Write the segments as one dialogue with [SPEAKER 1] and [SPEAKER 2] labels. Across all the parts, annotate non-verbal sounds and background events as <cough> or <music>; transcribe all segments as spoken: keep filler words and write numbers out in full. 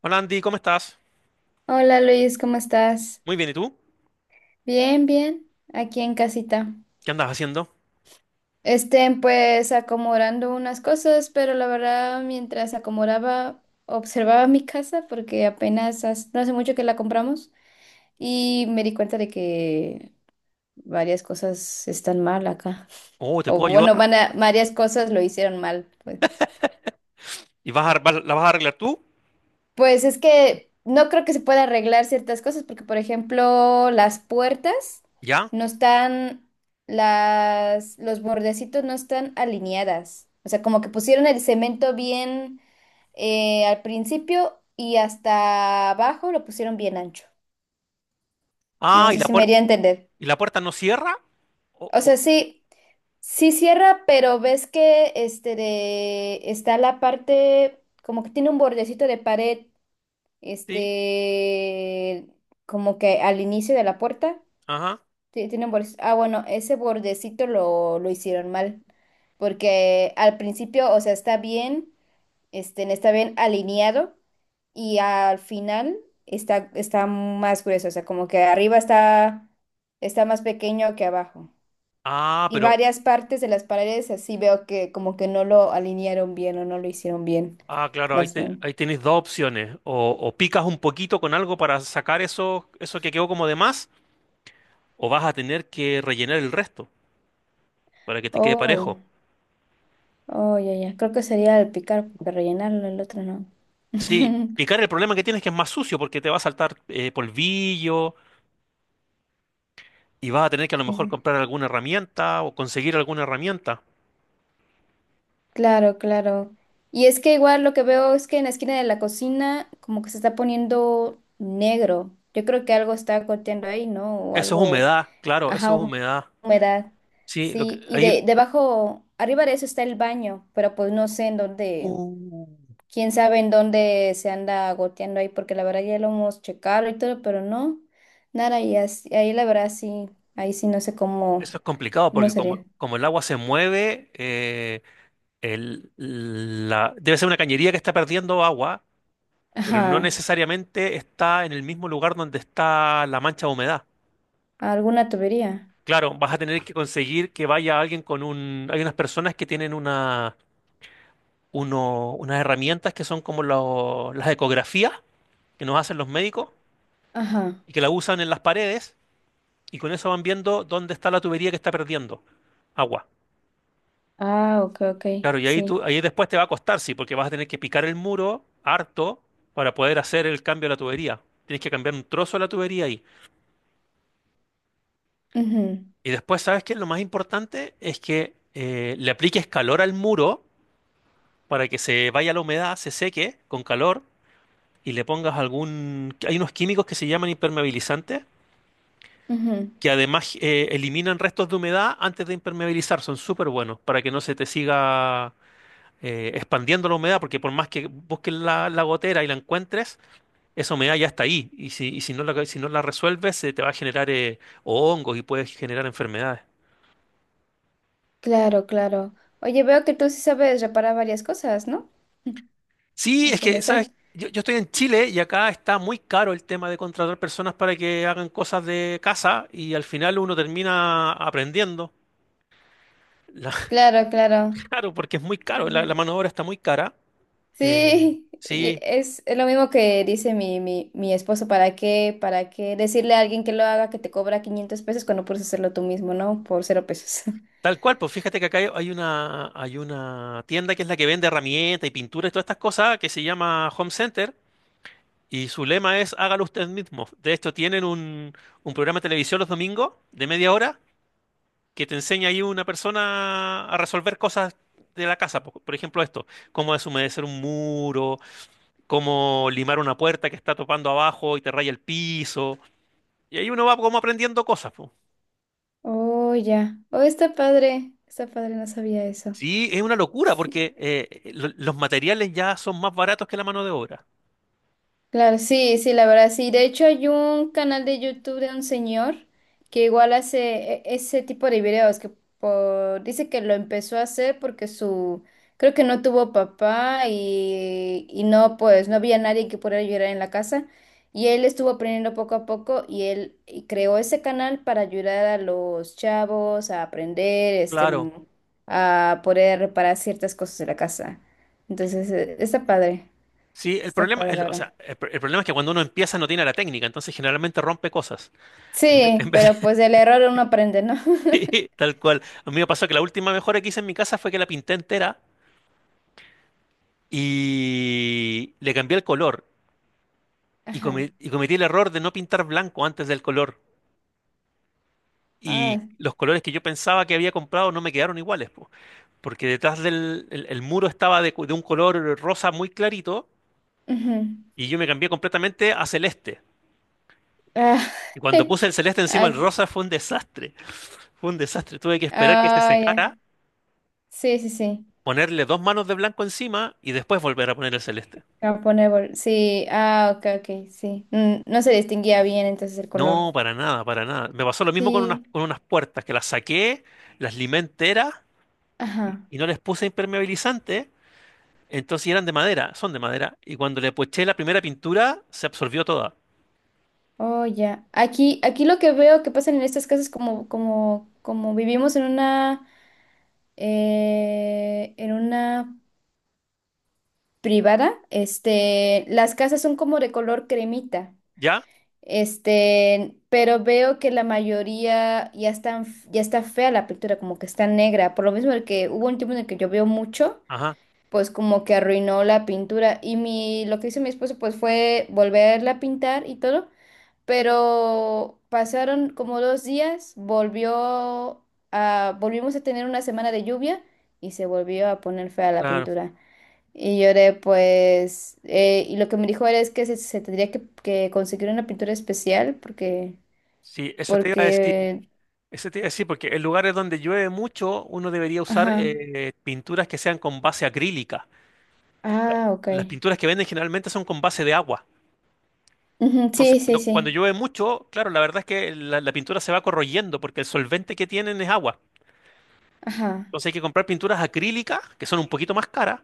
[SPEAKER 1] Hola Andy, ¿cómo estás?
[SPEAKER 2] Hola Luis, ¿cómo estás?
[SPEAKER 1] Muy bien, ¿y tú?
[SPEAKER 2] Bien, bien, aquí en casita.
[SPEAKER 1] ¿Qué andas haciendo?
[SPEAKER 2] Estén pues acomodando unas cosas, pero la verdad mientras acomodaba, observaba mi casa porque apenas hace- no hace mucho que la compramos y me di cuenta de que varias cosas están mal acá.
[SPEAKER 1] Oh, ¿te
[SPEAKER 2] O
[SPEAKER 1] puedo ayudar?
[SPEAKER 2] bueno, van a- varias cosas lo hicieron mal, pues.
[SPEAKER 1] ¿Y vas a, ar- vas- la vas a arreglar tú?
[SPEAKER 2] Pues es que no creo que se pueda arreglar ciertas cosas, porque por ejemplo, las puertas
[SPEAKER 1] ¿Ya?
[SPEAKER 2] no están, las, los bordecitos no están alineadas. O sea, como que pusieron el cemento bien eh, al principio y hasta abajo lo pusieron bien ancho. No
[SPEAKER 1] Ah, ¿y
[SPEAKER 2] sé
[SPEAKER 1] la
[SPEAKER 2] si me
[SPEAKER 1] puerta,
[SPEAKER 2] iría a entender.
[SPEAKER 1] ¿y la puerta no cierra? O
[SPEAKER 2] O
[SPEAKER 1] oh,
[SPEAKER 2] sea, sí, sí cierra, pero ves que este de- está la parte, como que tiene un bordecito de pared.
[SPEAKER 1] sí,
[SPEAKER 2] Este, Como que al inicio de la puerta,
[SPEAKER 1] ajá.
[SPEAKER 2] ti- tiene un borde- ah, bueno, ese bordecito lo, lo hicieron mal, porque al principio, o sea, está bien, este, está bien alineado y al final está, está más grueso, o sea, como que arriba está, está más pequeño que abajo.
[SPEAKER 1] Ah,
[SPEAKER 2] Y
[SPEAKER 1] pero,
[SPEAKER 2] varias partes de las paredes así veo que como que no lo alinearon bien o no lo hicieron bien.
[SPEAKER 1] ah, claro, ahí,
[SPEAKER 2] Las,
[SPEAKER 1] te- ahí tienes dos opciones. O, o picas un poquito con algo para sacar eso, eso que quedó como de más, o vas a tener que rellenar el resto para que te quede
[SPEAKER 2] oh.
[SPEAKER 1] parejo.
[SPEAKER 2] Oh, ya, ya. Creo que sería el picar, porque rellenarlo, el otro no.
[SPEAKER 1] Sí,
[SPEAKER 2] <laughs>
[SPEAKER 1] picar, el problema que tienes es que es más sucio porque te va a saltar eh, polvillo y vas a tener que a lo mejor
[SPEAKER 2] Ese.
[SPEAKER 1] comprar alguna herramienta o conseguir alguna herramienta.
[SPEAKER 2] Claro, claro. Y es que igual lo que veo es que en la esquina de la cocina como que se está poniendo negro. Yo creo que algo está goteando ahí, ¿no? O
[SPEAKER 1] Eso es
[SPEAKER 2] algo,
[SPEAKER 1] humedad, claro,
[SPEAKER 2] ajá,
[SPEAKER 1] eso es
[SPEAKER 2] hum-
[SPEAKER 1] humedad.
[SPEAKER 2] humedad.
[SPEAKER 1] Sí, lo que
[SPEAKER 2] Sí, y
[SPEAKER 1] ahí
[SPEAKER 2] de
[SPEAKER 1] el-
[SPEAKER 2] debajo, arriba de eso está el baño, pero pues no sé en dónde.
[SPEAKER 1] Uh,
[SPEAKER 2] Quién sabe en dónde se anda goteando ahí, porque la verdad ya lo hemos checado y todo, pero no, nada, y as- ahí la verdad sí, ahí sí no sé cómo,
[SPEAKER 1] eso es complicado
[SPEAKER 2] cómo
[SPEAKER 1] porque
[SPEAKER 2] sería.
[SPEAKER 1] como, como el agua se mueve, eh, el- la- debe ser una cañería que está perdiendo agua, pero no
[SPEAKER 2] Ajá,
[SPEAKER 1] necesariamente está en el mismo lugar donde está la mancha de humedad.
[SPEAKER 2] alguna tubería.
[SPEAKER 1] Claro, vas a tener que conseguir que vaya alguien con un... Hay unas personas que tienen una, uno- unas herramientas que son como lo- las ecografías que nos hacen los médicos
[SPEAKER 2] Ajá.
[SPEAKER 1] y que la usan en las paredes, y con eso van viendo dónde está la tubería que está perdiendo agua.
[SPEAKER 2] Ah, ok, ok,
[SPEAKER 1] Claro, y ahí, tú,
[SPEAKER 2] sí.
[SPEAKER 1] ahí después te va a costar, sí, porque vas a tener que picar el muro harto para poder hacer el cambio de la tubería. Tienes que cambiar un trozo de la tubería ahí. Y después, ¿sabes qué? Lo más importante es que eh, le apliques calor al muro para que se vaya la humedad, se seque con calor y le pongas algún... Hay unos químicos que se llaman impermeabilizantes,
[SPEAKER 2] Ujú, ujú.
[SPEAKER 1] que además eh, eliminan restos de humedad antes de impermeabilizar. Son súper buenos para que no se te siga eh, expandiendo la humedad, porque por más que busques la, la gotera y la encuentres, esa humedad ya está ahí. Y si, y si no la, si no la resuelves, se te va a generar eh, hongos y puedes generar enfermedades.
[SPEAKER 2] Claro, claro. Oye, veo que tú sí sabes reparar varias cosas, ¿no? <laughs>
[SPEAKER 1] Sí,
[SPEAKER 2] O
[SPEAKER 1] es
[SPEAKER 2] que le
[SPEAKER 1] que,
[SPEAKER 2] sé.
[SPEAKER 1] ¿sabes? Yo, yo estoy en Chile y acá está muy caro el tema de contratar personas para que hagan cosas de casa y al final uno termina aprendiendo. La-
[SPEAKER 2] Claro, claro.
[SPEAKER 1] <laughs> claro, porque es muy caro, la, la mano de obra está muy cara. Eh,
[SPEAKER 2] Sí, y
[SPEAKER 1] sí,
[SPEAKER 2] es, es lo mismo que dice mi, mi, mi esposo, ¿para qué, para qué decirle a alguien que lo haga que te cobra quinientos pesos cuando puedes hacerlo tú mismo, ¿no? Por cero pesos. <laughs>
[SPEAKER 1] tal cual. Pues fíjate que acá hay hay una, hay una tienda que es la que vende herramientas y pinturas y todas estas cosas, que se llama Home Center, y su lema es hágalo usted mismo. De hecho, tienen un, un programa de televisión los domingos de media hora que te enseña ahí una persona a resolver cosas de la casa. Por, por ejemplo, esto, cómo deshumedecer un muro, cómo limar una puerta que está topando abajo y te raya el piso. Y ahí uno va como aprendiendo cosas.
[SPEAKER 2] Oh, ya. Oh, está padre. Está padre, no sabía eso.
[SPEAKER 1] Sí, es una locura
[SPEAKER 2] Sí.
[SPEAKER 1] porque eh, eh, lo- los materiales ya son más baratos que la mano de obra.
[SPEAKER 2] Claro, sí, sí, la verdad, sí. De hecho, hay un canal de YouTube de un señor que igual hace e- ese tipo de videos, que por- dice que lo empezó a hacer porque su, creo que no tuvo papá y, y no, pues, no había nadie que pudiera ayudar en la casa. Y él estuvo aprendiendo poco a poco y él y creó ese canal para ayudar a los chavos a aprender, este,
[SPEAKER 1] Claro.
[SPEAKER 2] mm, a poder reparar ciertas cosas de la casa. Entonces, eh, está padre,
[SPEAKER 1] Sí, el
[SPEAKER 2] está
[SPEAKER 1] problema,
[SPEAKER 2] padre,
[SPEAKER 1] el-
[SPEAKER 2] la
[SPEAKER 1] o
[SPEAKER 2] verdad.
[SPEAKER 1] sea, el, pr- el problema es que cuando uno empieza no tiene la técnica, entonces generalmente rompe cosas. En ve- <laughs>
[SPEAKER 2] Sí,
[SPEAKER 1] en vez
[SPEAKER 2] pero pues del error uno aprende, ¿no?
[SPEAKER 1] de- <laughs>
[SPEAKER 2] <laughs>
[SPEAKER 1] tal cual. A mí me pasó que la última mejora que hice en mi casa fue que la pinté entera y le cambié el color. Y,
[SPEAKER 2] Ajá.
[SPEAKER 1] come- y cometí el error de no pintar blanco antes del color. Y
[SPEAKER 2] Ah,
[SPEAKER 1] los colores que yo pensaba que había comprado no me quedaron iguales, po. Porque detrás del el, el muro estaba de, cu- de un color rosa muy clarito.
[SPEAKER 2] ujú.
[SPEAKER 1] Y yo me cambié completamente a celeste.
[SPEAKER 2] Ah,
[SPEAKER 1] Y cuando
[SPEAKER 2] <laughs>
[SPEAKER 1] puse el celeste
[SPEAKER 2] ah,
[SPEAKER 1] encima del
[SPEAKER 2] ok.
[SPEAKER 1] rosa fue un desastre. Fue un desastre. Tuve que esperar que se
[SPEAKER 2] Ah, ya.
[SPEAKER 1] secara,
[SPEAKER 2] Sí, sí, sí.
[SPEAKER 1] ponerle dos manos de blanco encima y después volver a poner el celeste.
[SPEAKER 2] Japonés, bol- sí. Ah, ok, ok, sí. Mm, no se distinguía bien entonces el color.
[SPEAKER 1] No, para nada, para nada. Me pasó lo mismo con unas,
[SPEAKER 2] Sí.
[SPEAKER 1] con unas puertas, que las saqué, las limé enteras y,
[SPEAKER 2] Ajá.
[SPEAKER 1] y no les puse impermeabilizante. Entonces, y eran de madera, son de madera. Y cuando le eché la primera pintura, se absorbió toda.
[SPEAKER 2] Oh, ya. Aquí, aquí lo que veo que pasa en estas casas como, como, como vivimos en una, eh, en una privada, este, las casas son como de color cremita.
[SPEAKER 1] ¿Ya?
[SPEAKER 2] Este, pero veo que la mayoría ya están, ya está fea la pintura, como que está negra. Por lo mismo el que hubo un tiempo en el que llovió mucho,
[SPEAKER 1] Ajá,
[SPEAKER 2] pues como que arruinó la pintura. Y mi, lo que hizo mi esposo pues fue volverla a pintar y todo. Pero pasaron como dos días, volvió a, volvimos a tener una semana de lluvia y se volvió a poner fea la
[SPEAKER 1] claro.
[SPEAKER 2] pintura. Y lloré, pues, eh, y lo que me dijo era es que se, se tendría que, que conseguir una pintura especial porque,
[SPEAKER 1] Sí, eso te iba a decir.
[SPEAKER 2] porque,
[SPEAKER 1] Ese te iba a decir, porque en lugares donde llueve mucho, uno debería usar
[SPEAKER 2] ajá,
[SPEAKER 1] eh, pinturas que sean con base acrílica.
[SPEAKER 2] ah, ok.
[SPEAKER 1] Las pinturas que venden generalmente son con base de agua.
[SPEAKER 2] Ujú,
[SPEAKER 1] Entonces,
[SPEAKER 2] sí, sí,
[SPEAKER 1] cuando,
[SPEAKER 2] sí,
[SPEAKER 1] cuando llueve mucho, claro, la verdad es que la, la pintura se va corroyendo porque el solvente que tienen es agua.
[SPEAKER 2] ajá,
[SPEAKER 1] Entonces hay que comprar pinturas acrílicas, que son un poquito más caras,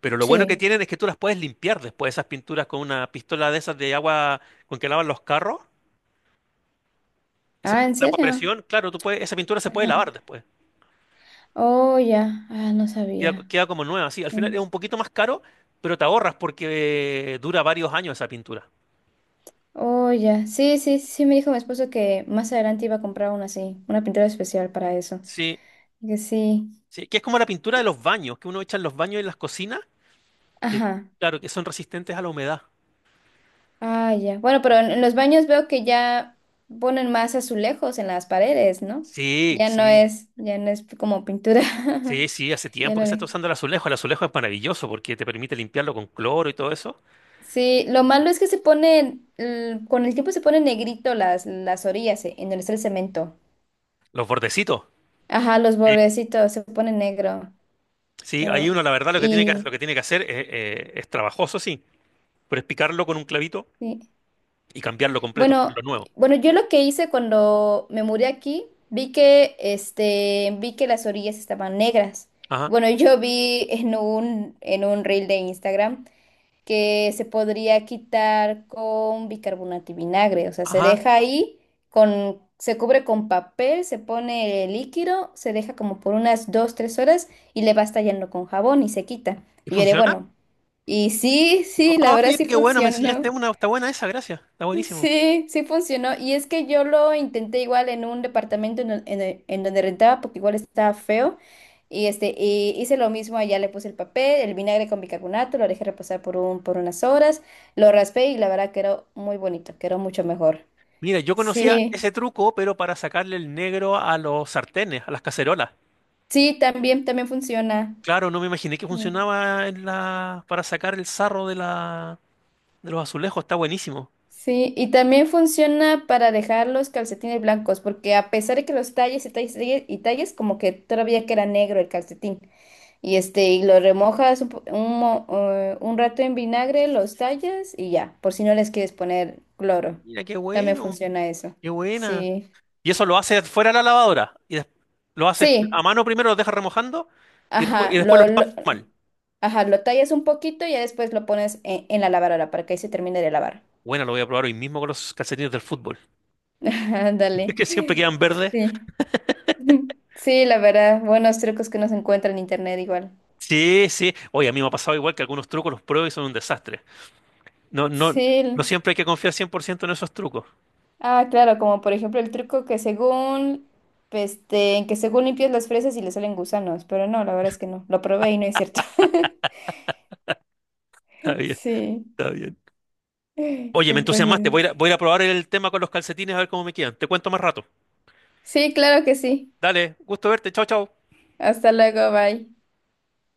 [SPEAKER 1] pero lo bueno que
[SPEAKER 2] sí.
[SPEAKER 1] tienen es que tú las puedes limpiar después, esas pinturas, con una pistola de esas de agua con que lavan los carros, esas que
[SPEAKER 2] Ah, ¿en
[SPEAKER 1] tienen agua a
[SPEAKER 2] serio?
[SPEAKER 1] presión, claro, tú puedes, esa pintura se puede
[SPEAKER 2] Ajá.
[SPEAKER 1] lavar después.
[SPEAKER 2] Oh, ya, ah, no
[SPEAKER 1] Queda,
[SPEAKER 2] sabía.
[SPEAKER 1] queda como nueva, sí. Al final es
[SPEAKER 2] Mm.
[SPEAKER 1] un poquito más caro, pero te ahorras porque eh, dura varios años esa pintura.
[SPEAKER 2] Oh, ya, sí, sí, sí, me dijo mi esposo que más adelante iba a comprar una así, una pintura especial para eso.
[SPEAKER 1] Sí,
[SPEAKER 2] Que sí,
[SPEAKER 1] sí, que es como la pintura de los baños, que uno echa en los baños y en las cocinas, que,
[SPEAKER 2] ajá.
[SPEAKER 1] claro, que son resistentes a la humedad.
[SPEAKER 2] Ah, ya. Bueno, pero en en los baños veo que ya ponen más azulejos en las paredes, ¿no?
[SPEAKER 1] Sí,
[SPEAKER 2] Ya no
[SPEAKER 1] sí,
[SPEAKER 2] es, ya no es como pintura.
[SPEAKER 1] sí,
[SPEAKER 2] <laughs>
[SPEAKER 1] sí, hace
[SPEAKER 2] Ya
[SPEAKER 1] tiempo
[SPEAKER 2] lo
[SPEAKER 1] que se está
[SPEAKER 2] haré.
[SPEAKER 1] usando el azulejo. El azulejo es maravilloso porque te permite limpiarlo con cloro y todo eso.
[SPEAKER 2] Sí, lo malo es que se ponen, l- con el tiempo se ponen negrito las, las orillas, eh, en donde está el cemento.
[SPEAKER 1] Los bordecitos.
[SPEAKER 2] Ajá, los
[SPEAKER 1] Sí,
[SPEAKER 2] bordecitos se ponen negro.
[SPEAKER 1] sí, ahí
[SPEAKER 2] Pero-
[SPEAKER 1] uno la verdad lo que tiene que, lo
[SPEAKER 2] y
[SPEAKER 1] que tiene que hacer es, eh, es trabajoso, sí, pero es picarlo con un clavito
[SPEAKER 2] sí.
[SPEAKER 1] y cambiarlo completo, lo
[SPEAKER 2] Bueno,
[SPEAKER 1] nuevo.
[SPEAKER 2] bueno, yo lo que hice cuando me mudé aquí, vi que, este, vi que las orillas estaban negras.
[SPEAKER 1] Ajá,
[SPEAKER 2] Bueno, <laughs> yo vi en un, en un reel de Instagram que se podría quitar con bicarbonato y vinagre. O sea, se
[SPEAKER 1] ajá.
[SPEAKER 2] deja ahí con, se cubre con papel, se pone el líquido, se deja como por unas dos, tres horas y le vas tallando con jabón y se quita.
[SPEAKER 1] ¿Y
[SPEAKER 2] Y yo diré,
[SPEAKER 1] funciona?
[SPEAKER 2] bueno, y sí, sí, la
[SPEAKER 1] Ah,
[SPEAKER 2] verdad
[SPEAKER 1] mira
[SPEAKER 2] sí
[SPEAKER 1] qué bueno, me enseñaste
[SPEAKER 2] funcionó.
[SPEAKER 1] una. Está buena esa, gracias. Está buenísimo.
[SPEAKER 2] Sí, sí funcionó. Y es que yo lo intenté igual en un departamento en, don- en el- en donde rentaba, porque igual estaba feo. Y este, y hice lo mismo allá, le puse el papel, el vinagre con bicarbonato, lo dejé reposar por un, por unas horas, lo raspé y la verdad quedó muy bonito, quedó mucho mejor.
[SPEAKER 1] Mira, yo conocía
[SPEAKER 2] Sí,
[SPEAKER 1] ese truco, pero para sacarle el negro a los sartenes, a las cacerolas.
[SPEAKER 2] sí, también, también funciona.
[SPEAKER 1] Claro, no me imaginé que
[SPEAKER 2] Mm.
[SPEAKER 1] funcionaba en la... para sacar el sarro de la... de los azulejos. Está buenísimo.
[SPEAKER 2] Sí, y también funciona para dejar los calcetines blancos, porque a pesar de que los talles y talles y talles, y talles, como que todavía queda negro el calcetín. Y este, y lo remojas un, po- un mo- eh, un rato en vinagre, los tallas y ya, por si no les quieres poner cloro.
[SPEAKER 1] Mira qué
[SPEAKER 2] También
[SPEAKER 1] bueno,
[SPEAKER 2] funciona eso.
[SPEAKER 1] qué buena.
[SPEAKER 2] Sí.
[SPEAKER 1] Y eso lo haces fuera de la lavadora. Y des- lo haces a
[SPEAKER 2] Sí,
[SPEAKER 1] mano primero, lo dejas remojando y después,
[SPEAKER 2] ajá,
[SPEAKER 1] y después lo
[SPEAKER 2] lo,
[SPEAKER 1] lavas
[SPEAKER 2] lo-
[SPEAKER 1] mal.
[SPEAKER 2] ajá, lo tallas un poquito y ya después lo pones en, en la lavadora para que ahí se termine de lavar.
[SPEAKER 1] Bueno, lo voy a probar hoy mismo con los calcetines del fútbol,
[SPEAKER 2] <laughs>
[SPEAKER 1] <laughs>
[SPEAKER 2] Ándale.
[SPEAKER 1] que siempre quedan verdes.
[SPEAKER 2] Sí. <laughs> Sí, la verdad, buenos trucos que no se encuentran en internet igual.
[SPEAKER 1] Sí, sí. Oye, a mí me ha pasado igual que algunos trucos los pruebo y son un desastre. No, no, no
[SPEAKER 2] Sí.
[SPEAKER 1] siempre hay que confiar cien por ciento en esos trucos. <laughs>
[SPEAKER 2] Ah, claro, como por ejemplo el truco que según, este, en que según limpias las fresas y le salen gusanos, pero no, la verdad es que no, lo probé y no es cierto. <laughs>
[SPEAKER 1] Está bien,
[SPEAKER 2] Sí,
[SPEAKER 1] está bien. Oye,
[SPEAKER 2] y
[SPEAKER 1] me
[SPEAKER 2] pues
[SPEAKER 1] entusiasmaste.
[SPEAKER 2] eh,
[SPEAKER 1] Voy a, ir a- voy a ir a probar el tema con los calcetines a ver cómo me quedan. Te cuento más rato.
[SPEAKER 2] sí, claro que sí.
[SPEAKER 1] Dale, gusto verte. Chao, chao.
[SPEAKER 2] Hasta luego, bye.